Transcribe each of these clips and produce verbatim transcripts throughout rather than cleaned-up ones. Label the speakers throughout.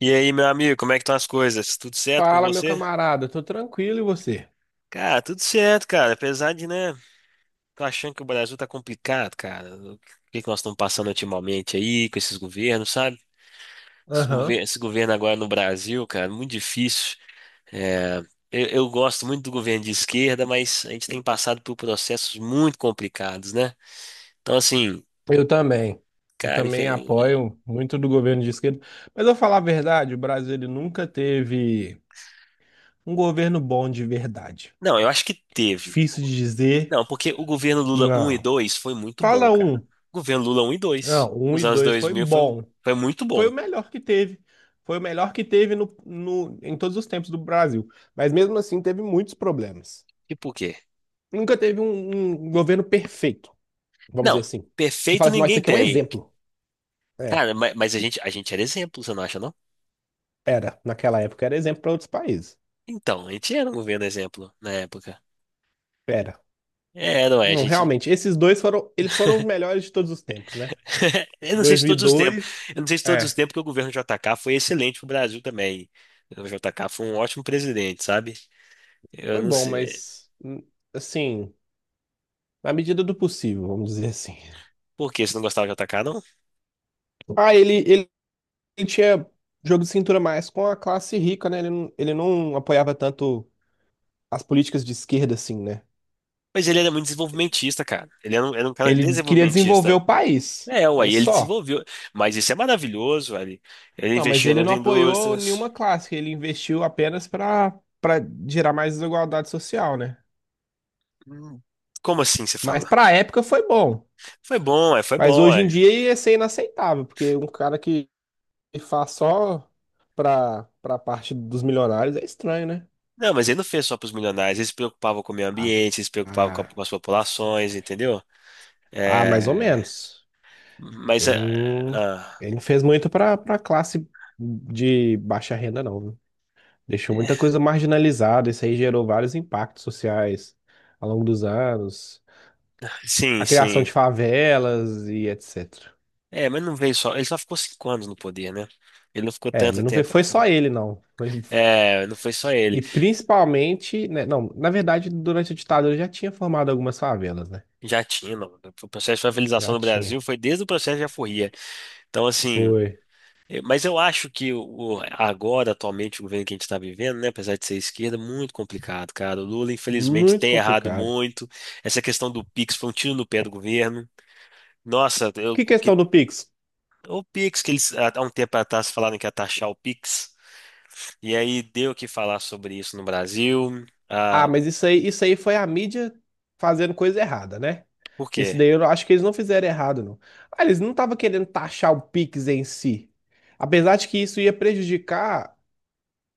Speaker 1: E aí, meu amigo, como é que estão as coisas? Tudo certo com
Speaker 2: Fala, meu
Speaker 1: você?
Speaker 2: camarada, tô tranquilo e você?
Speaker 1: Cara, tudo certo, cara. Apesar de, né, tô achando que o Brasil tá complicado, cara. O que que nós estamos passando ultimamente aí com esses governos, sabe? Esse
Speaker 2: Aham.
Speaker 1: governo, esse governo agora no Brasil, cara, muito difícil. É, eu, eu gosto muito do governo de esquerda, mas a gente tem passado por processos muito complicados, né? Então, assim,
Speaker 2: Eu também. Eu
Speaker 1: cara,
Speaker 2: também
Speaker 1: infel-
Speaker 2: apoio muito do governo de esquerda. Mas eu falar a verdade, o Brasil ele nunca teve um governo bom de verdade.
Speaker 1: não, eu acho que teve.
Speaker 2: Difícil de dizer,
Speaker 1: Não, porque o governo Lula um e
Speaker 2: não.
Speaker 1: dois foi muito bom,
Speaker 2: Fala
Speaker 1: cara.
Speaker 2: um.
Speaker 1: O governo Lula um e dois,
Speaker 2: Não, um
Speaker 1: nos
Speaker 2: e
Speaker 1: anos
Speaker 2: dois
Speaker 1: dois
Speaker 2: foi
Speaker 1: mil foi,
Speaker 2: bom.
Speaker 1: foi muito
Speaker 2: Foi
Speaker 1: bom.
Speaker 2: o melhor que teve. Foi o melhor que teve no, no, em todos os tempos do Brasil. Mas mesmo assim teve muitos problemas.
Speaker 1: E por quê?
Speaker 2: Nunca teve um, um governo perfeito, vamos dizer
Speaker 1: Não,
Speaker 2: assim. Você fala
Speaker 1: perfeito
Speaker 2: assim, nossa, isso
Speaker 1: ninguém
Speaker 2: aqui é um
Speaker 1: tem.
Speaker 2: exemplo. É.
Speaker 1: Cara, ma- mas, a gente, a gente era exemplo, você não acha, não?
Speaker 2: Era, naquela época era exemplo para outros países.
Speaker 1: Então, a gente era um governo exemplo na época.
Speaker 2: Era.
Speaker 1: É, não é, a
Speaker 2: Não,
Speaker 1: gente.
Speaker 2: realmente, esses dois foram, eles foram os melhores de todos os tempos, né?
Speaker 1: Eu não sei
Speaker 2: dois
Speaker 1: se
Speaker 2: mil e
Speaker 1: todos os tempos.
Speaker 2: dois
Speaker 1: Eu não sei se todos os
Speaker 2: é,
Speaker 1: tempos que o governo J K foi excelente pro Brasil também. O J K foi um ótimo presidente, sabe? Eu
Speaker 2: foi
Speaker 1: não
Speaker 2: bom,
Speaker 1: sei.
Speaker 2: mas hum, assim, na medida do possível, vamos dizer assim.
Speaker 1: Por quê? Você não gostava do J K, não?
Speaker 2: Ah, ele, ele, ele tinha jogo de cintura mais com a classe rica, né? Ele, não- ele não apoiava tanto as políticas de esquerda, assim, né?
Speaker 1: Mas ele era muito desenvolvimentista, cara. Ele era um, era um cara
Speaker 2: Ele des- queria desenvolver
Speaker 1: desenvolvimentista.
Speaker 2: o país,
Speaker 1: É, aí
Speaker 2: mas
Speaker 1: ele
Speaker 2: só.
Speaker 1: desenvolveu. Mas isso é maravilhoso, ali. Ele
Speaker 2: Não, mas
Speaker 1: investiu
Speaker 2: ele
Speaker 1: nas
Speaker 2: não apoiou nenhuma
Speaker 1: indústrias.
Speaker 2: classe, ele investiu apenas para para gerar mais desigualdade social, né?
Speaker 1: Hum. Como assim você
Speaker 2: Mas
Speaker 1: fala?
Speaker 2: pra época foi bom.
Speaker 1: Foi bom, é, foi
Speaker 2: Mas
Speaker 1: bom,
Speaker 2: hoje em
Speaker 1: é.
Speaker 2: dia ia ser inaceitável, porque um cara que faz só pra, pra parte dos milionários é estranho, né?
Speaker 1: Não, mas ele não fez só para os milionários. Ele se preocupava com o meio
Speaker 2: Ah,
Speaker 1: ambiente, ele se preocupava com, a-
Speaker 2: ah,
Speaker 1: com as populações, entendeu?
Speaker 2: ah, mais ou
Speaker 1: É,
Speaker 2: menos.
Speaker 1: mas,
Speaker 2: Ele
Speaker 1: é,
Speaker 2: não,
Speaker 1: ah,
Speaker 2: ele não fez muito pra, pra classe de baixa renda, não, viu? Deixou
Speaker 1: é,
Speaker 2: muita coisa marginalizada. Isso aí gerou vários impactos sociais ao longo dos anos.
Speaker 1: sim,
Speaker 2: A criação
Speaker 1: sim.
Speaker 2: de favelas e etcétera.
Speaker 1: É, mas não veio só. Ele só ficou cinco anos no poder, né? Ele não ficou
Speaker 2: É,
Speaker 1: tanto
Speaker 2: mas não foi
Speaker 1: tempo
Speaker 2: foi só
Speaker 1: assim.
Speaker 2: ele, não. Foi
Speaker 1: É, não foi só ele.
Speaker 2: E principalmente, né, não, na verdade, durante a ditadura já tinha formado algumas favelas, né?
Speaker 1: Já tinha, não. O processo de favelização
Speaker 2: Já
Speaker 1: no
Speaker 2: tinha.
Speaker 1: Brasil foi desde o processo de aforria. Então, assim.
Speaker 2: Foi
Speaker 1: Eu- Mas eu acho que o, o- agora, atualmente, o governo que a gente está vivendo, né, apesar de ser esquerda, muito complicado, cara. O Lula, infelizmente,
Speaker 2: muito
Speaker 1: tem errado
Speaker 2: complicado.
Speaker 1: muito. Essa questão do Pix foi um tiro no pé do governo. Nossa, eu-
Speaker 2: Que
Speaker 1: o que,
Speaker 2: questão do Pix?
Speaker 1: o Pix, que eles há há um tempo atrás falaram que ia taxar o Pix, e aí deu o que falar sobre isso no Brasil.
Speaker 2: Ah,
Speaker 1: Ah,
Speaker 2: mas isso aí, isso aí foi a mídia fazendo coisa errada, né?
Speaker 1: por
Speaker 2: Isso
Speaker 1: quê?
Speaker 2: daí eu não- acho que eles não fizeram errado, não. Ah, eles não estavam querendo taxar o Pix em si. Apesar de que isso ia prejudicar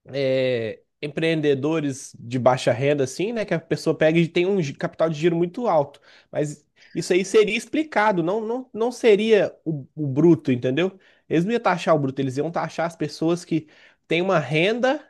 Speaker 2: é, empreendedores de baixa renda, assim, né? Que a pessoa pega e tem um gi- capital de giro muito alto. Mas isso aí seria explicado, não, não, não seria o, o bruto, entendeu? Eles não iam taxar o bruto, eles iam taxar as pessoas que têm uma renda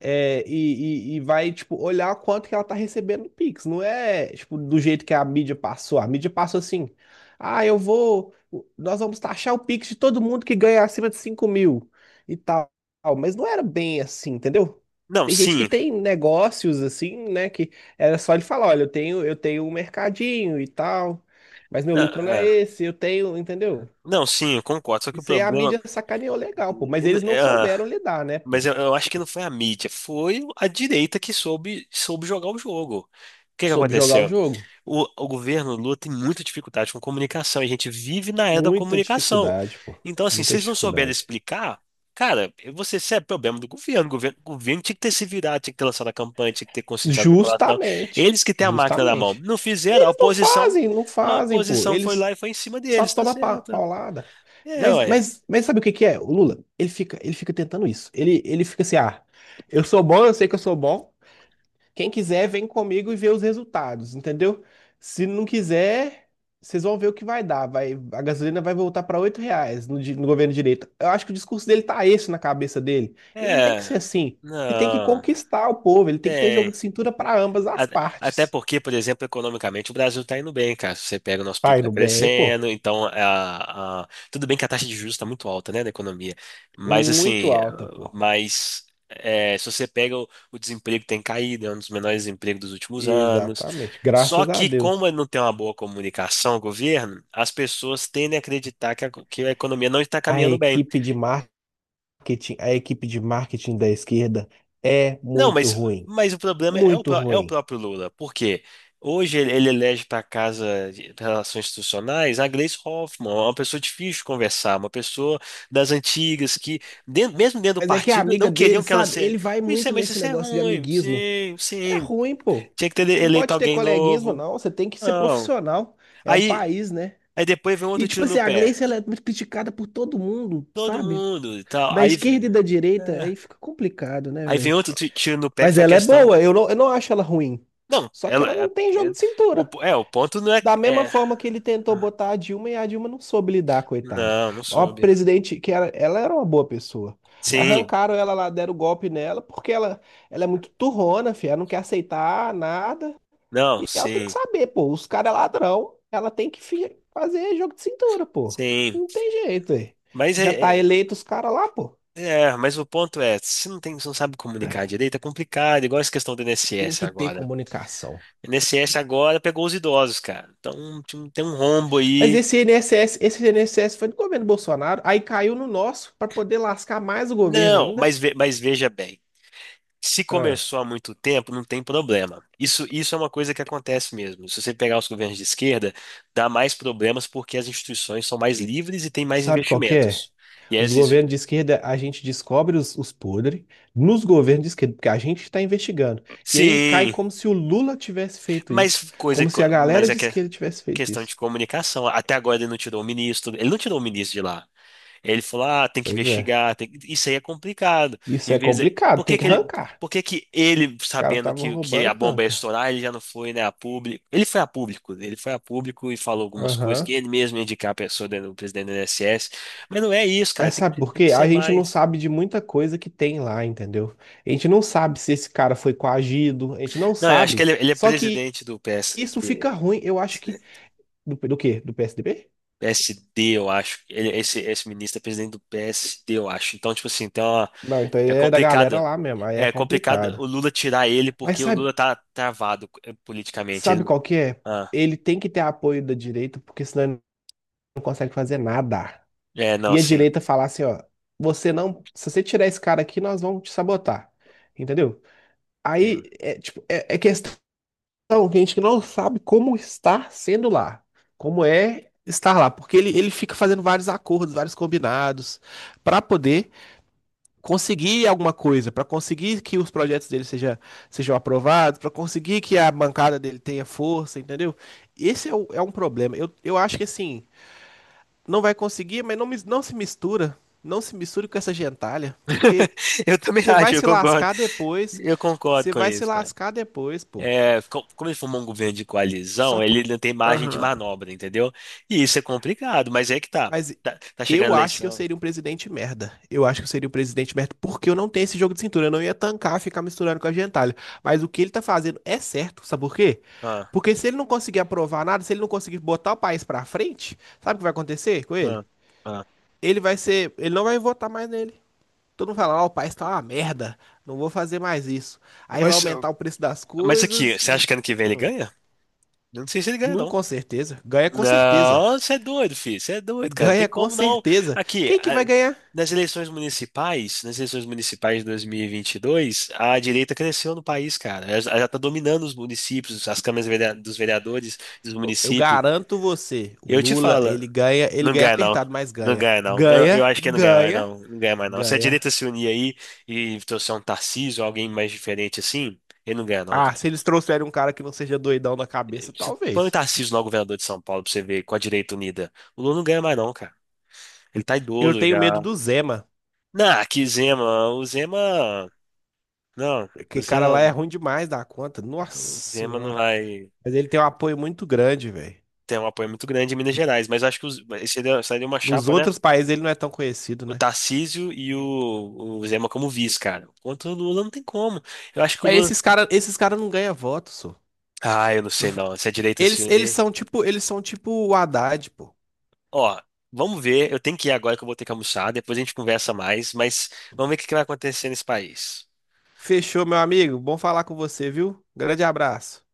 Speaker 2: é, e, e- e vai, tipo, olhar quanto que ela tá recebendo no Pix. Não é, tipo, do jeito que a mídia passou. A mídia passou assim, ah, eu vou, nós vamos taxar o Pix de todo mundo que ganha acima de cinco mil e tal. Mas não era bem assim, entendeu?
Speaker 1: Não,
Speaker 2: Tem gente que
Speaker 1: sim.
Speaker 2: tem negócios assim, né, que era só ele falar, olha, eu tenho, eu tenho um mercadinho e tal, mas meu
Speaker 1: Ah,
Speaker 2: lucro não é
Speaker 1: ah,
Speaker 2: esse, eu tenho, entendeu?
Speaker 1: não, sim, eu concordo. Só que o
Speaker 2: Isso aí a
Speaker 1: problema.
Speaker 2: mídia sacaneou legal, pô, mas eles não souberam lidar, né,
Speaker 1: Mas
Speaker 2: pô?
Speaker 1: eu, eu acho que não foi a mídia, foi a direita que soube, soube jogar o jogo. O que que
Speaker 2: Soube jogar o
Speaker 1: aconteceu?
Speaker 2: jogo.
Speaker 1: O, o governo Lula tem muita dificuldade com comunicação, e a gente vive na era da
Speaker 2: Muita
Speaker 1: comunicação.
Speaker 2: dificuldade, pô.
Speaker 1: Então, assim, se
Speaker 2: Muita
Speaker 1: eles não souberem
Speaker 2: dificuldade.
Speaker 1: explicar, cara, você, isso é problema do governo. O governo, o governo tinha que ter se virado, tinha que ter lançado a campanha, tinha que ter conscientizado a população.
Speaker 2: Justamente.
Speaker 1: Eles que têm a máquina na mão.
Speaker 2: Justamente.
Speaker 1: Não
Speaker 2: E
Speaker 1: fizeram, a
Speaker 2: eles não
Speaker 1: oposição,
Speaker 2: fazem, não
Speaker 1: a
Speaker 2: fazem, pô.
Speaker 1: oposição foi
Speaker 2: Eles
Speaker 1: lá e foi em cima
Speaker 2: só
Speaker 1: deles, tá
Speaker 2: tomam pa-
Speaker 1: certo.
Speaker 2: paulada.
Speaker 1: É,
Speaker 2: Mas,
Speaker 1: olha.
Speaker 2: mas, mas sabe o que que é? O Lula, ele fica, ele fica tentando isso. Ele, ele fica assim, ah, eu sou bom, eu sei que eu sou bom. Quem quiser, vem comigo e vê os resultados, entendeu? Se não quiser, vocês vão ver o que vai dar. Vai, a gasolina vai voltar para oito reais no, di- no governo de direita. Eu acho que o discurso dele tá esse na cabeça dele. E não tem que
Speaker 1: É.
Speaker 2: ser assim. Ele tem que
Speaker 1: Não.
Speaker 2: conquistar o povo, ele tem que ter jogo
Speaker 1: Tem.
Speaker 2: de cintura para ambas as
Speaker 1: A- Até
Speaker 2: partes.
Speaker 1: porque, por exemplo, economicamente o Brasil está indo bem, cara. Se você pega o nosso pib
Speaker 2: Tá
Speaker 1: está
Speaker 2: indo bem, pô.
Speaker 1: crescendo, então é, a, a- tudo bem que a taxa de juros está muito alta, né, da economia. Mas
Speaker 2: Muito
Speaker 1: assim,
Speaker 2: alta, pô.
Speaker 1: mas é, se você pega o, o desemprego tem caído, é um dos menores empregos dos últimos anos.
Speaker 2: Exatamente,
Speaker 1: Só
Speaker 2: graças a
Speaker 1: que
Speaker 2: Deus.
Speaker 1: como não tem uma boa comunicação, o governo, as pessoas tendem a acreditar que a, que a economia não está
Speaker 2: A
Speaker 1: caminhando bem.
Speaker 2: equipe de marketing, a equipe de marketing da esquerda é
Speaker 1: Não,
Speaker 2: muito
Speaker 1: mas,
Speaker 2: ruim.
Speaker 1: mas o problema é é o,
Speaker 2: Muito
Speaker 1: pró- é o
Speaker 2: ruim.
Speaker 1: próprio Lula, porque hoje ele, ele elege para a Casa de Relações Institucionais a Gleisi Hoffmann, uma pessoa difícil de conversar, uma pessoa das antigas que, dentro- mesmo dentro do
Speaker 2: Mas é que a
Speaker 1: partido,
Speaker 2: amiga
Speaker 1: não
Speaker 2: dele,
Speaker 1: queriam que ela
Speaker 2: sabe?
Speaker 1: se.
Speaker 2: Ele vai
Speaker 1: Isso é,
Speaker 2: muito
Speaker 1: mas
Speaker 2: nesse
Speaker 1: isso é
Speaker 2: negócio de
Speaker 1: ruim,
Speaker 2: amiguismo.
Speaker 1: sim,
Speaker 2: É
Speaker 1: sim.
Speaker 2: ruim, pô.
Speaker 1: Tinha que ter
Speaker 2: Não
Speaker 1: eleito
Speaker 2: pode ter
Speaker 1: alguém
Speaker 2: coleguismo,
Speaker 1: novo.
Speaker 2: não. Você tem que ser
Speaker 1: Não.
Speaker 2: profissional. É um
Speaker 1: Aí,
Speaker 2: país, né?
Speaker 1: aí depois vem
Speaker 2: E,
Speaker 1: outro
Speaker 2: tipo
Speaker 1: tiro no
Speaker 2: assim, a
Speaker 1: pé.
Speaker 2: Gleice, ela é muito criticada por todo mundo,
Speaker 1: Todo
Speaker 2: sabe?
Speaker 1: mundo e tal.
Speaker 2: Da
Speaker 1: Aí, vem-
Speaker 2: esquerda e da direita, aí
Speaker 1: é.
Speaker 2: fica complicado, né,
Speaker 1: Aí vem
Speaker 2: velho?
Speaker 1: outro ti- tiro no pé que
Speaker 2: Mas
Speaker 1: foi a
Speaker 2: ela é
Speaker 1: questão.
Speaker 2: boa. Eu não, eu não acho ela ruim.
Speaker 1: Não,
Speaker 2: Só que
Speaker 1: ela,
Speaker 2: ela
Speaker 1: é-
Speaker 2: não tem jogo
Speaker 1: é-
Speaker 2: de
Speaker 1: o,
Speaker 2: cintura.
Speaker 1: é, o ponto não é.
Speaker 2: Da mesma
Speaker 1: é,
Speaker 2: forma que ele tentou
Speaker 1: Ah,
Speaker 2: botar a Dilma e a Dilma não soube lidar, coitada.
Speaker 1: não, não
Speaker 2: Uma
Speaker 1: soube.
Speaker 2: presidente que era, ela era uma boa pessoa. Mas
Speaker 1: Sim,
Speaker 2: arrancaram ela lá, deram golpe nela, porque ela, ela é muito turrona, filha, ela não quer aceitar nada.
Speaker 1: não,
Speaker 2: E ela tem que
Speaker 1: sim,
Speaker 2: saber, pô, os caras é ladrão, ela tem que fi- fazer jogo de cintura, pô.
Speaker 1: sim.
Speaker 2: Não tem jeito, aí.
Speaker 1: Mas é,
Speaker 2: Já tá
Speaker 1: é,
Speaker 2: eleito os caras lá, pô.
Speaker 1: é, mas o ponto é, se não tem, se não sabe comunicar direito, é complicado, igual essa questão do
Speaker 2: Tem
Speaker 1: I N S S
Speaker 2: que ter
Speaker 1: agora.
Speaker 2: comunicação.
Speaker 1: O I N S S agora pegou os idosos, cara. Então tem um tem um rombo
Speaker 2: Mas
Speaker 1: aí.
Speaker 2: esse I N S S, esse I N S S foi do governo Bolsonaro, aí caiu no nosso para poder lascar mais o governo
Speaker 1: Não,
Speaker 2: ainda.
Speaker 1: mas, ve- mas veja bem. Se
Speaker 2: Ah.
Speaker 1: começou há muito tempo, não tem problema. Isso, isso é uma coisa que acontece mesmo. Se você pegar os governos de esquerda, dá mais problemas porque as instituições são mais livres e têm mais
Speaker 2: Sabe qual que é?
Speaker 1: investimentos. E
Speaker 2: Os
Speaker 1: as.
Speaker 2: governos de esquerda, a gente descobre os, os podres nos governos de esquerda, porque a gente está investigando. E aí cai
Speaker 1: Sim.
Speaker 2: como se o Lula tivesse feito isso,
Speaker 1: Mas coisa,
Speaker 2: como se a
Speaker 1: mas
Speaker 2: galera
Speaker 1: é
Speaker 2: de
Speaker 1: que é
Speaker 2: esquerda tivesse feito
Speaker 1: questão de
Speaker 2: isso.
Speaker 1: comunicação. Até agora ele não tirou o ministro, ele não tirou o ministro de lá. Ele falou, ah, tem que
Speaker 2: Pois é.
Speaker 1: investigar. Tem que-" isso aí é complicado.
Speaker 2: Isso
Speaker 1: Em
Speaker 2: é
Speaker 1: vez de,
Speaker 2: complicado,
Speaker 1: por
Speaker 2: tem
Speaker 1: que
Speaker 2: que
Speaker 1: que ele,
Speaker 2: arrancar.
Speaker 1: por que que ele,
Speaker 2: O cara
Speaker 1: sabendo
Speaker 2: tava
Speaker 1: que, que a
Speaker 2: roubando,
Speaker 1: bomba ia
Speaker 2: arranca.
Speaker 1: estourar, ele já não foi, né, a público? Ele foi a público, ele foi a público e falou algumas coisas que
Speaker 2: Aham.
Speaker 1: ele mesmo ia indicar a pessoa, né, o presidente do I N S S. Mas não é isso, cara,
Speaker 2: Mas
Speaker 1: tem,
Speaker 2: sabe
Speaker 1: que-
Speaker 2: por
Speaker 1: tem que
Speaker 2: quê? A
Speaker 1: ser
Speaker 2: gente não
Speaker 1: mais.
Speaker 2: sabe de muita coisa que tem lá, entendeu? A gente não sabe se esse cara foi coagido, a gente não
Speaker 1: Não, eu acho que
Speaker 2: sabe.
Speaker 1: ele, ele é
Speaker 2: Só que
Speaker 1: presidente do P PS.
Speaker 2: isso fica ruim, eu acho que. Do, do quê? Do P S D B?
Speaker 1: P S D, eu acho. Ele- esse, esse ministro é presidente do P S D, eu acho. Então, tipo assim, então uma,
Speaker 2: Não, então ele
Speaker 1: é
Speaker 2: é da galera
Speaker 1: complicado.
Speaker 2: lá mesmo, aí é
Speaker 1: É complicado
Speaker 2: complicado.
Speaker 1: o Lula tirar ele
Speaker 2: Mas
Speaker 1: porque o
Speaker 2: sabe,
Speaker 1: Lula tá travado eh, politicamente.
Speaker 2: sabe
Speaker 1: Ele-
Speaker 2: qual que é?
Speaker 1: ah,
Speaker 2: Ele tem que ter apoio da direita, porque senão ele não consegue fazer nada.
Speaker 1: é, não,
Speaker 2: E a
Speaker 1: sim,
Speaker 2: direita falar assim, ó, você não, se você tirar esse cara aqui, nós vamos te sabotar. Entendeu?
Speaker 1: sim.
Speaker 2: Aí é tipo, é, é questão que a gente não sabe como estar sendo lá, como é estar lá, porque ele, ele fica fazendo vários acordos, vários combinados, para poder conseguir alguma coisa, para conseguir que os projetos dele seja, sejam aprovados, para conseguir que a bancada dele tenha força, entendeu? Esse é, o- é um problema. Eu, eu acho que assim, não vai conseguir, mas não, mis- não se mistura. Não se misture com essa gentalha, porque
Speaker 1: Eu também
Speaker 2: você vai
Speaker 1: acho, eu
Speaker 2: se
Speaker 1: concordo.
Speaker 2: lascar depois.
Speaker 1: Eu concordo
Speaker 2: Você
Speaker 1: com
Speaker 2: vai se
Speaker 1: isso, cara.
Speaker 2: lascar depois, pô.
Speaker 1: É, co- como ele formou um governo de
Speaker 2: Só
Speaker 1: coalizão,
Speaker 2: que.
Speaker 1: ele não tem margem de
Speaker 2: Aham.
Speaker 1: manobra, entendeu? E isso é complicado, mas é que tá.
Speaker 2: Mas
Speaker 1: Tá, tá chegando a
Speaker 2: eu acho que eu
Speaker 1: eleição.
Speaker 2: seria um presidente merda. Eu acho que eu seria um presidente merda porque eu não tenho esse jogo de cintura. Eu não ia tancar ficar misturando com a gentalha. Mas o que ele tá fazendo é certo, sabe por quê?
Speaker 1: Ah,
Speaker 2: Porque se ele não conseguir aprovar nada, se ele não conseguir botar o país pra frente, sabe o que vai acontecer com ele?
Speaker 1: ah, ah.
Speaker 2: Ele vai ser, ele não vai votar mais nele. Todo mundo fala, ó, o país tá uma merda, não vou fazer mais isso. Aí vai
Speaker 1: Mas,
Speaker 2: aumentar o preço das
Speaker 1: mas aqui,
Speaker 2: coisas
Speaker 1: você acha
Speaker 2: e,
Speaker 1: que ano que vem ele ganha? Eu não sei se ele ganha,
Speaker 2: nu,
Speaker 1: não.
Speaker 2: com certeza, ganha com certeza.
Speaker 1: Não, você é doido, filho. Você é doido, cara. Não tem
Speaker 2: Ganha com
Speaker 1: como, não.
Speaker 2: certeza.
Speaker 1: Aqui,
Speaker 2: Quem que
Speaker 1: a-
Speaker 2: vai ganhar?
Speaker 1: nas eleições municipais, nas eleições municipais de dois mil e e vinte e dois a direita cresceu no país, cara. Ela já está dominando os municípios, as câmaras verea- dos vereadores, dos
Speaker 2: Eu
Speaker 1: municípios.
Speaker 2: garanto você, o
Speaker 1: Eu te
Speaker 2: Lula,
Speaker 1: falo,
Speaker 2: ele ganha, ele
Speaker 1: não
Speaker 2: ganha
Speaker 1: ganha, não.
Speaker 2: apertado, mas
Speaker 1: Não
Speaker 2: ganha.
Speaker 1: ganha, não. Não,
Speaker 2: Ganha,
Speaker 1: eu acho que não ganha mais,
Speaker 2: ganha,
Speaker 1: não. Não ganha mais, não. Se a
Speaker 2: ganha.
Speaker 1: direita se unir aí e trouxer um Tarcísio, alguém mais diferente assim, ele não ganha, não.
Speaker 2: Ah, se eles trouxerem um cara que não seja doidão na cabeça,
Speaker 1: Você põe o
Speaker 2: talvez.
Speaker 1: Tarcísio lá, o governador de São Paulo, pra você ver, com a direita unida. O Lula não ganha mais, não, cara. Ele tá
Speaker 2: Eu
Speaker 1: idoso
Speaker 2: tenho
Speaker 1: já.
Speaker 2: medo do Zema,
Speaker 1: Não, que Zema. O Zema. Não, o
Speaker 2: porque cara
Speaker 1: Zema,
Speaker 2: lá é ruim demais da conta. Nossa
Speaker 1: o Zema não
Speaker 2: senhora.
Speaker 1: vai
Speaker 2: Mas ele tem um apoio muito grande, velho.
Speaker 1: ter um apoio muito grande em Minas Gerais, mas eu acho que os, esse seria, seria uma
Speaker 2: Nos
Speaker 1: chapa, né?
Speaker 2: outros países ele não é tão conhecido,
Speaker 1: O
Speaker 2: né?
Speaker 1: Tarcísio e o, o Zema como vice, cara. Enquanto o Lula não tem como. Eu acho que o
Speaker 2: Mas
Speaker 1: Lula.
Speaker 2: esses caras, esses cara não ganham voto, só.
Speaker 1: Ah, eu não sei não. Se a direita se
Speaker 2: Eles, eles
Speaker 1: unir.
Speaker 2: são tipo, eles são tipo o Haddad, pô.
Speaker 1: Ó, vamos ver. Eu tenho que ir agora que eu vou ter que almoçar. Depois a gente conversa mais, mas vamos ver o que que vai acontecer nesse país.
Speaker 2: Fechou, meu amigo. Bom falar com você, viu? Grande abraço.